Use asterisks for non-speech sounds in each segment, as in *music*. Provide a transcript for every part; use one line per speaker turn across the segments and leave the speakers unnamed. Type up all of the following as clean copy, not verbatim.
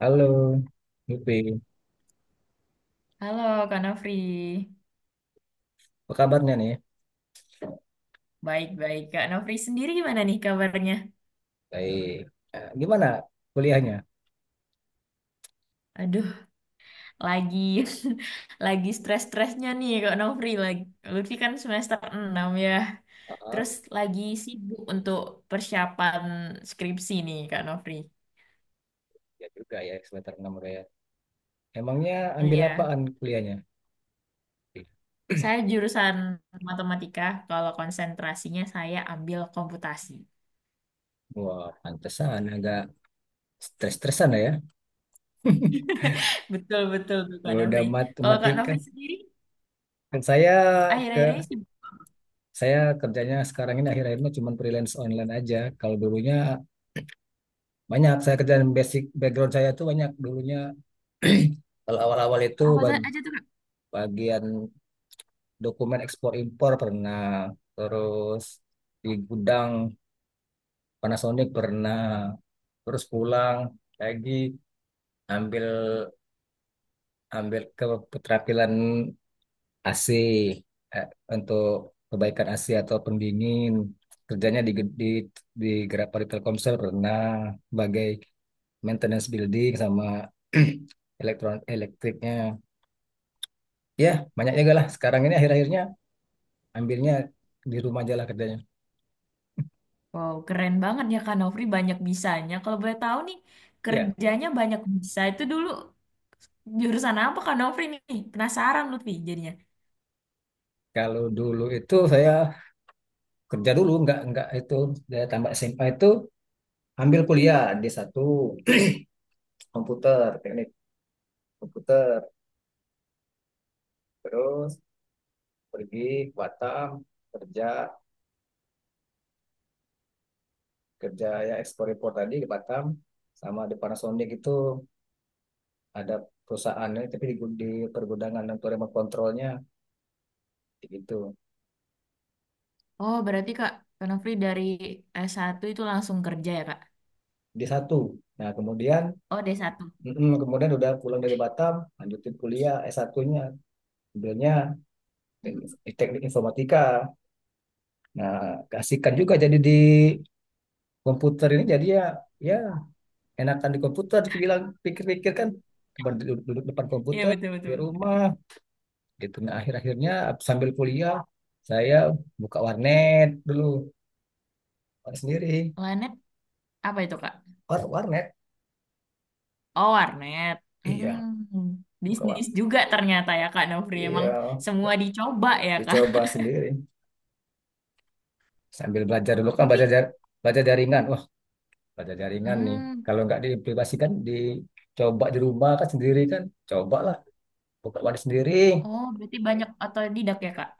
Halo, Yupi.
Halo Kak Nofri.
Apa kabarnya nih?
Baik-baik. Kak Nofri sendiri gimana nih kabarnya?
Baik. Gimana kuliahnya?
Aduh, lagi *laughs* lagi stres-stresnya nih Kak Nofri. Lutfi kan semester 6 ya.
Ah,
Terus lagi sibuk untuk persiapan skripsi nih Kak Nofri.
Ya juga ya, semester 6 udah ya. Emangnya
Oh,
ambil
iya.
apaan kuliahnya?
Saya jurusan matematika. Kalau konsentrasinya saya ambil komputasi.
Wah, pantesan agak stres-stresan lah ya. *laughs*
*laughs* Betul-betul tuh Kak
Udah
Nofri. Kalau Kak
matematika.
Nofri sendiri,
Kan saya ke
akhir-akhir ini sibuk
Saya kerjanya sekarang ini akhir akhirnya cuma freelance online aja. Kalau dulunya banyak saya kerjaan, basic background saya tuh banyak dulunya. *clears throat* Kalau awal-awal itu
apa tuh- aja tuh.
bagian dokumen ekspor impor pernah, terus di gudang Panasonic pernah, terus pulang lagi ambil ambil ke keterampilan AC, eh, untuk kebaikan AC atau pendingin, kerjanya di di Grapari Telkomsel pernah, sebagai maintenance building sama *clears throat* elektriknya. Ya banyaknya gak lah, sekarang ini akhir-akhirnya ambilnya di rumah aja lah kerjanya,
Wow, keren banget ya Kak Nofri, banyak bisanya. Kalau boleh tahu nih,
ya.
kerjanya banyak bisa. Itu dulu jurusan apa Kak Nofri nih? Penasaran Lutfi jadinya.
Kalau dulu itu saya kerja dulu, nggak itu, saya tambah SMA itu ambil kuliah di satu komputer, teknik komputer, terus pergi ke Batam kerja. Kerja ya ekspor impor tadi di Batam sama di Panasonic itu, ada perusahaannya tapi di pergudangan untuk remote kontrolnya gitu,
Oh, berarti Kak Nofri dari S1 itu langsung kerja ya Kak?
di satu. Nah, kemudian
Oh, D1.
mm, kemudian udah pulang dari Batam, lanjutin kuliah S1-nya, ambilnya
Hmm.
teknik, teknik informatika. Nah, keasikan juga jadi di komputer ini, jadi ya, ya enakan di komputer dibilang, pikir-pikir kan duduk, depan
Iya,
komputer di
betul-betul.
rumah gitu. Nah, akhir-akhirnya sambil kuliah saya buka warnet dulu sendiri.
Planet apa itu Kak?
Warnet.
Oh, warnet.
Iya.
Hmm,
buka war
bisnis juga ternyata ya Kak Nofri.
Iya.
Emang semua
buka-
dicoba ya Kak?
Dicoba sendiri sambil belajar dulu,
*laughs*
kan
Tapi,
belajar jar- belajar jaringan. Wah, belajar jaringan nih,
hmm,
kalau nggak diaplikasikan dicoba di rumah kan sendiri kan, cobalah buka warnet sendiri.
oh berarti banyak otodidak ya Kak?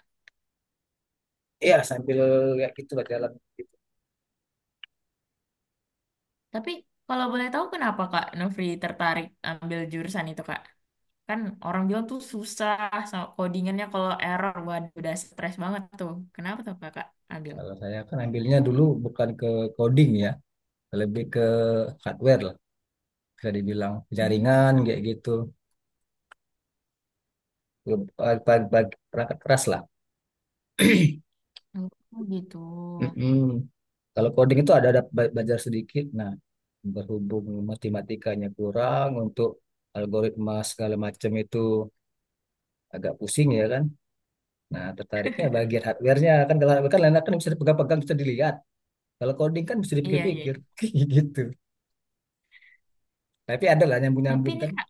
Iya, sambil kayak gitu lah, jalan gitu.
Tapi kalau boleh tahu kenapa Kak Nofri tertarik ambil jurusan itu Kak? Kan orang bilang tuh susah, sama codingannya kalau error, waduh udah stres banget tuh. Kenapa tuh Kakak ambil?
Kalau saya kan ambilnya dulu bukan ke coding ya, lebih ke hardware lah, bisa dibilang jaringan
Hmm,
kayak gitu, perangkat keras lah.
oh gitu.
Mm-mm. Kalau coding itu ada belajar sedikit. Nah, berhubung matematikanya kurang untuk algoritma segala macam itu, agak pusing ya kan. Nah, tertariknya bagian hardware-nya kan, kalau hardware kan enak kan, bisa dipegang-pegang, bisa dilihat. Kalau coding kan bisa
Iya, iya,
dipikir-pikir, *laughs*
iya.
kayak gitu. Tapi ada lah
Tapi
nyambung-nyambung
nih
kan.
Kak,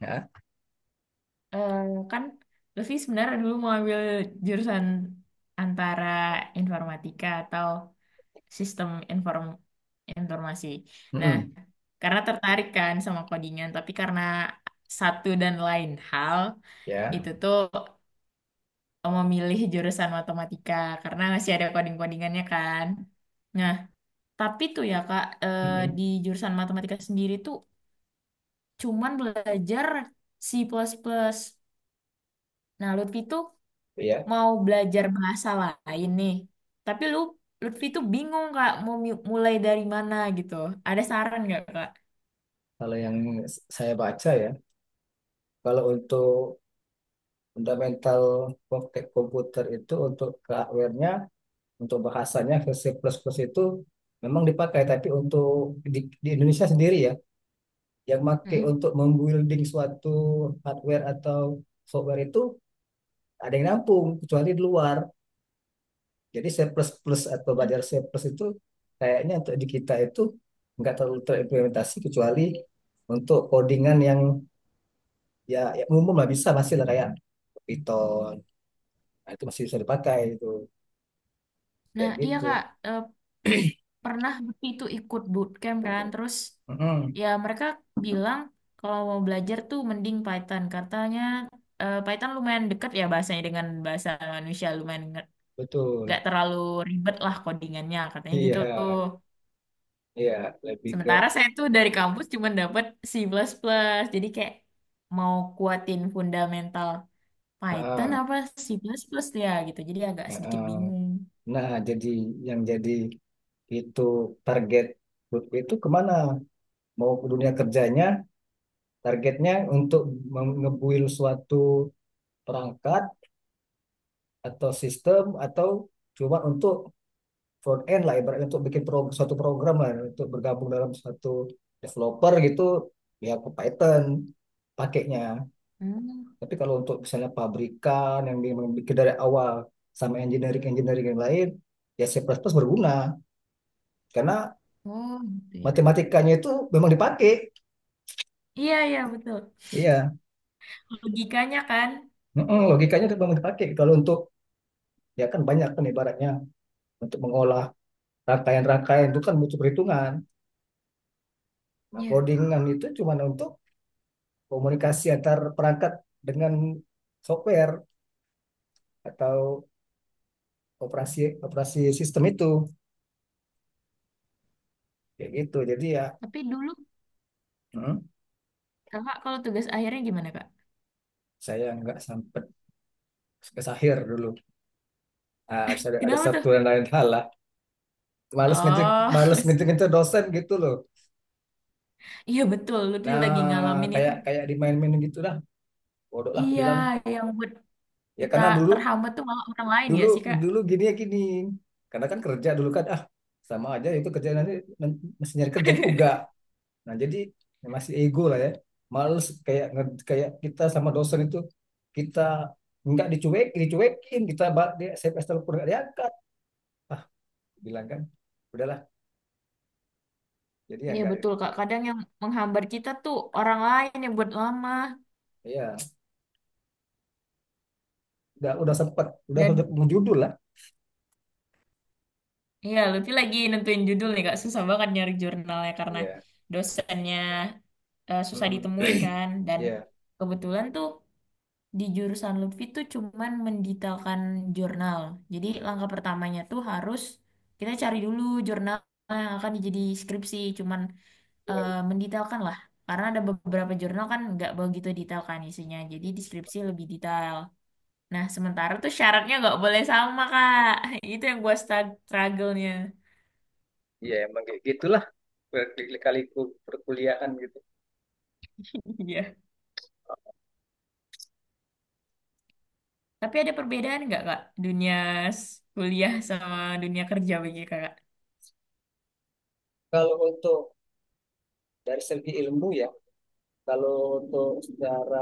Ya.
eh, kan Lutfi sebenarnya dulu mau ambil jurusan antara informatika atau sistem informasi. Nah,
Mm-mm.
karena tertarik kan sama codingan, tapi karena satu dan lain hal,
Ya.
itu tuh memilih jurusan matematika karena masih ada coding-codingannya kan. Nah, tapi tuh ya Kak,
Mm-mm.
di jurusan matematika sendiri tuh cuman belajar C++. Nah, Lutfi tuh
Ya.
mau belajar bahasa lain nih. Tapi Lutfi tuh bingung Kak mau mulai dari mana gitu. Ada saran nggak Kak?
Kalau yang saya baca ya, kalau untuk fundamental komputer itu untuk ke hardware-nya, untuk bahasanya ke C++ itu memang dipakai, tapi untuk di, di Indonesia sendiri ya, yang pakai
Mm.
untuk membuilding suatu hardware atau software itu ada yang nampung, kecuali di luar. Jadi surplus plus atau belajar surplus itu kayaknya untuk di kita itu nggak terlalu terimplementasi, kecuali untuk codingan yang ya, ya umum lah, bisa masih lah kayak Python. Nah, itu masih bisa dipakai itu, kayak
Nah, iya
gitu.
Kak, Eh, pernah waktu itu ikut bootcamp kan terus
Mm-mm,
ya mereka bilang kalau mau belajar tuh mending Python katanya. Python lumayan deket ya bahasanya dengan bahasa manusia, lumayan nggak
betul.
terlalu ribet lah codingannya katanya gitu.
Iya, iya, lebih ke.
Sementara saya tuh dari kampus cuma dapat C++ plus plus, jadi kayak mau kuatin fundamental Python
ah,
apa C++ plus plus ya gitu, jadi agak
ah,
sedikit
ah.
bingung.
Nah, jadi yang jadi itu target Lutfi itu kemana? Mau ke dunia kerjanya, targetnya untuk nge-build suatu perangkat atau sistem, atau cuma untuk front end lah ibaratnya, untuk bikin suatu program lah untuk bergabung dalam suatu developer, gitu ya, ke Python pakainya.
Hmm.
Tapi kalau untuk misalnya pabrikan yang memang bikin dari awal sama engineering engineering yang lain, ya C++ plus plus berguna, karena
Oh gitu ya Kak.
matematikanya itu memang dipakai,
Iya, iya, betul
iya.
logikanya kan.
Mm-mm, logikanya itu memang dipakai. Kalau untuk ya kan banyak kan ibaratnya, untuk mengolah rangkaian-rangkaian itu kan butuh perhitungan, nah
Iya.
codingan itu cuma untuk komunikasi antar perangkat dengan software, atau operasi operasi sistem itu, kayak gitu jadi ya.
Tapi dulu
hmm,
Kakak kalau tugas akhirnya gimana Kak?
saya nggak sampai ke Sahir dulu. Ah, ada
Kenapa tuh?
satu dan lain hal lah,
Oh,
males
*laughs*
ngecek ngecek dosen gitu loh.
iya betul. Lutfi
Nah,
lagi ngalamin itu.
kayak kayak dimain-mainin gitu lah, bodoh lah aku
Iya,
bilang.
yang buat
Ya
kita
karena dulu,
terhambat tuh malah orang lain
dulu
ya sih Kak.
dulu gini ya gini, karena kan kerja dulu kan, sama aja itu, kerja nanti nanti mesti nyari kerja juga.
*laughs*
Nah, jadi masih ego lah ya. Males kayak kayak kita sama dosen itu, kita nggak dicuek, dicuekin, kita di SMS telepon nggak diangkat. Ah, bilang kan, udahlah. Jadi ya
Iya
nggak,
betul Kak. Kadang yang menghambat kita tuh orang lain yang buat lama.
ya udah sempat, udah
Dan
menjudul lah.
iya, Lutfi lagi nentuin judul nih Kak. Susah banget nyari jurnalnya karena
Iya.
dosennya susah
Mm.
ditemuin
*clears throat*
kan. Dan
Iya.
kebetulan tuh di jurusan Lutfi tuh cuman mendetailkan jurnal. Jadi langkah pertamanya tuh harus kita cari dulu jurnal yang akan jadi skripsi, cuman
Ya,
mendetailkan lah. Karena ada beberapa jurnal kan nggak begitu detail kan isinya, jadi di skripsi lebih detail. Nah, sementara tuh syaratnya nggak boleh sama, Kak. *laughs* Itu yang gua struggle-nya.
ya emang kayak gitulah kali perkuliahan gitu.
*laughs* Iya. Tapi ada perbedaan nggak, Kak? Dunia kuliah sama dunia kerja bagi Kakak?
Kalau untuk dari segi ilmu ya, kalau untuk secara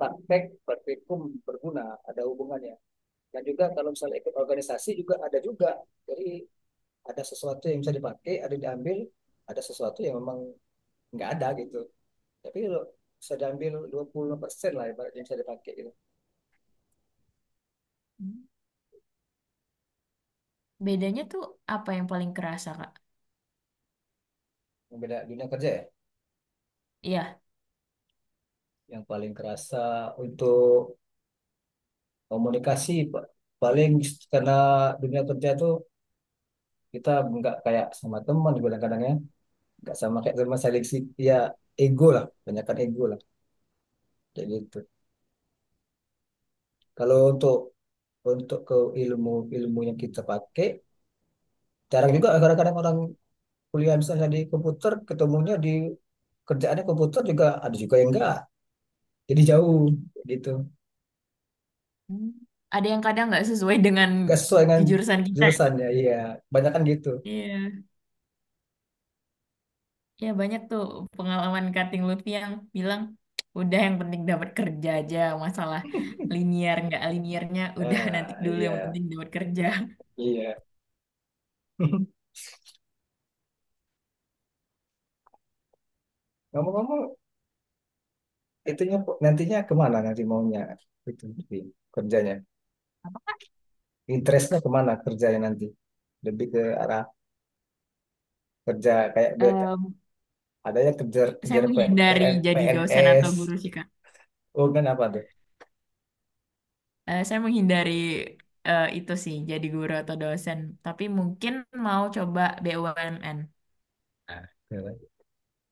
praktek, praktikum berguna, ada hubungannya. Dan juga kalau misalnya ikut organisasi juga ada juga. Jadi ada sesuatu yang bisa dipakai, ada yang diambil, ada sesuatu yang memang nggak ada gitu. Tapi kalau bisa diambil 20% lah yang bisa dipakai gitu.
Bedanya tuh apa yang paling kerasa, Kak?
Beda dunia kerja ya.
Iya.
Yang paling kerasa untuk komunikasi paling, karena dunia kerja tuh kita nggak kayak sama teman kadang-kadang ya. Nggak sama kayak teman seleksi ya, ego lah, banyakkan ego lah kayak gitu. Kalau untuk ke ilmu ilmu yang kita pakai. Jarang juga kadang-kadang orang kuliah misalnya di komputer, ketemunya di kerjaannya komputer, juga ada juga yang enggak. Jadi jauh gitu.
Hmm. Ada yang kadang nggak sesuai dengan
Enggak sesuai dengan
jurusan kita ya.
jurusannya. Iya, banyak kan gitu.
Iya. Ya banyak tuh pengalaman cutting Lutfi yang bilang, udah yang penting dapat kerja aja, masalah linear nggak linearnya, udah nanti
Ah,
dulu yang
iya,
penting dapat kerja.
iya. *laughs* Ngomong-ngomong, itunya nantinya kemana, nanti maunya itu di kerjanya?
Apakah
Interestnya kemana kerjanya nanti? Lebih ke arah kerja kayak
em,
ada yang kejar,
saya
kejar P-
menghindari
PN
jadi dosen atau
PNS,
guru sih Kak.
oh kan apa tuh?
Saya menghindari itu sih, jadi guru atau dosen. Tapi mungkin mau coba BUMN.
Ah,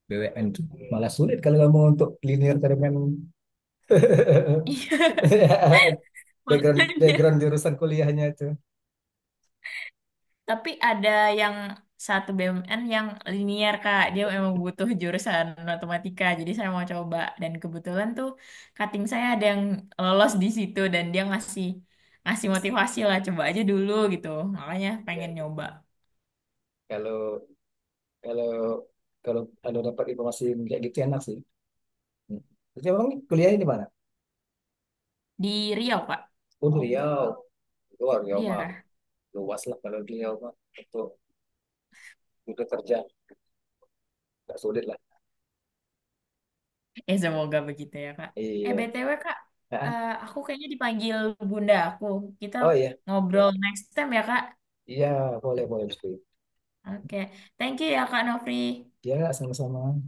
BWN tuh malah sulit kalau kamu untuk linear dengan
Iya,
*laughs*
*laughs*
background
makanya.
background jurusan kuliahnya itu.
Tapi ada yang satu BUMN yang linier Kak. Dia memang butuh jurusan matematika. Jadi saya mau coba. Dan kebetulan tuh cutting saya ada yang lolos di situ. Dan dia ngasih ngasih motivasi lah. Coba aja dulu gitu. Makanya
Ya,
pengen nyoba.
kalau kalau kalau kalau dapat informasi kayak gitu, enak sih. Hmm. Jadi emang kuliahnya di mana?
Di Riau, Kak.
Oh, di Riau. Oh, Riau mah
Iya.
luas lah, kalau di Riau mah untuk untuk kerja nggak sulit lah.
Eh, semoga begitu ya, Kak. Eh,
Iya.
BTW, Kak.
Ah.
Eh, aku kayaknya dipanggil bunda aku. Kita
Oh iya.
ngobrol
Oke.
next time ya, Kak.
Iya, boleh boleh.
Oke. Thank you ya, Kak Nofri.
Ya, sama-sama.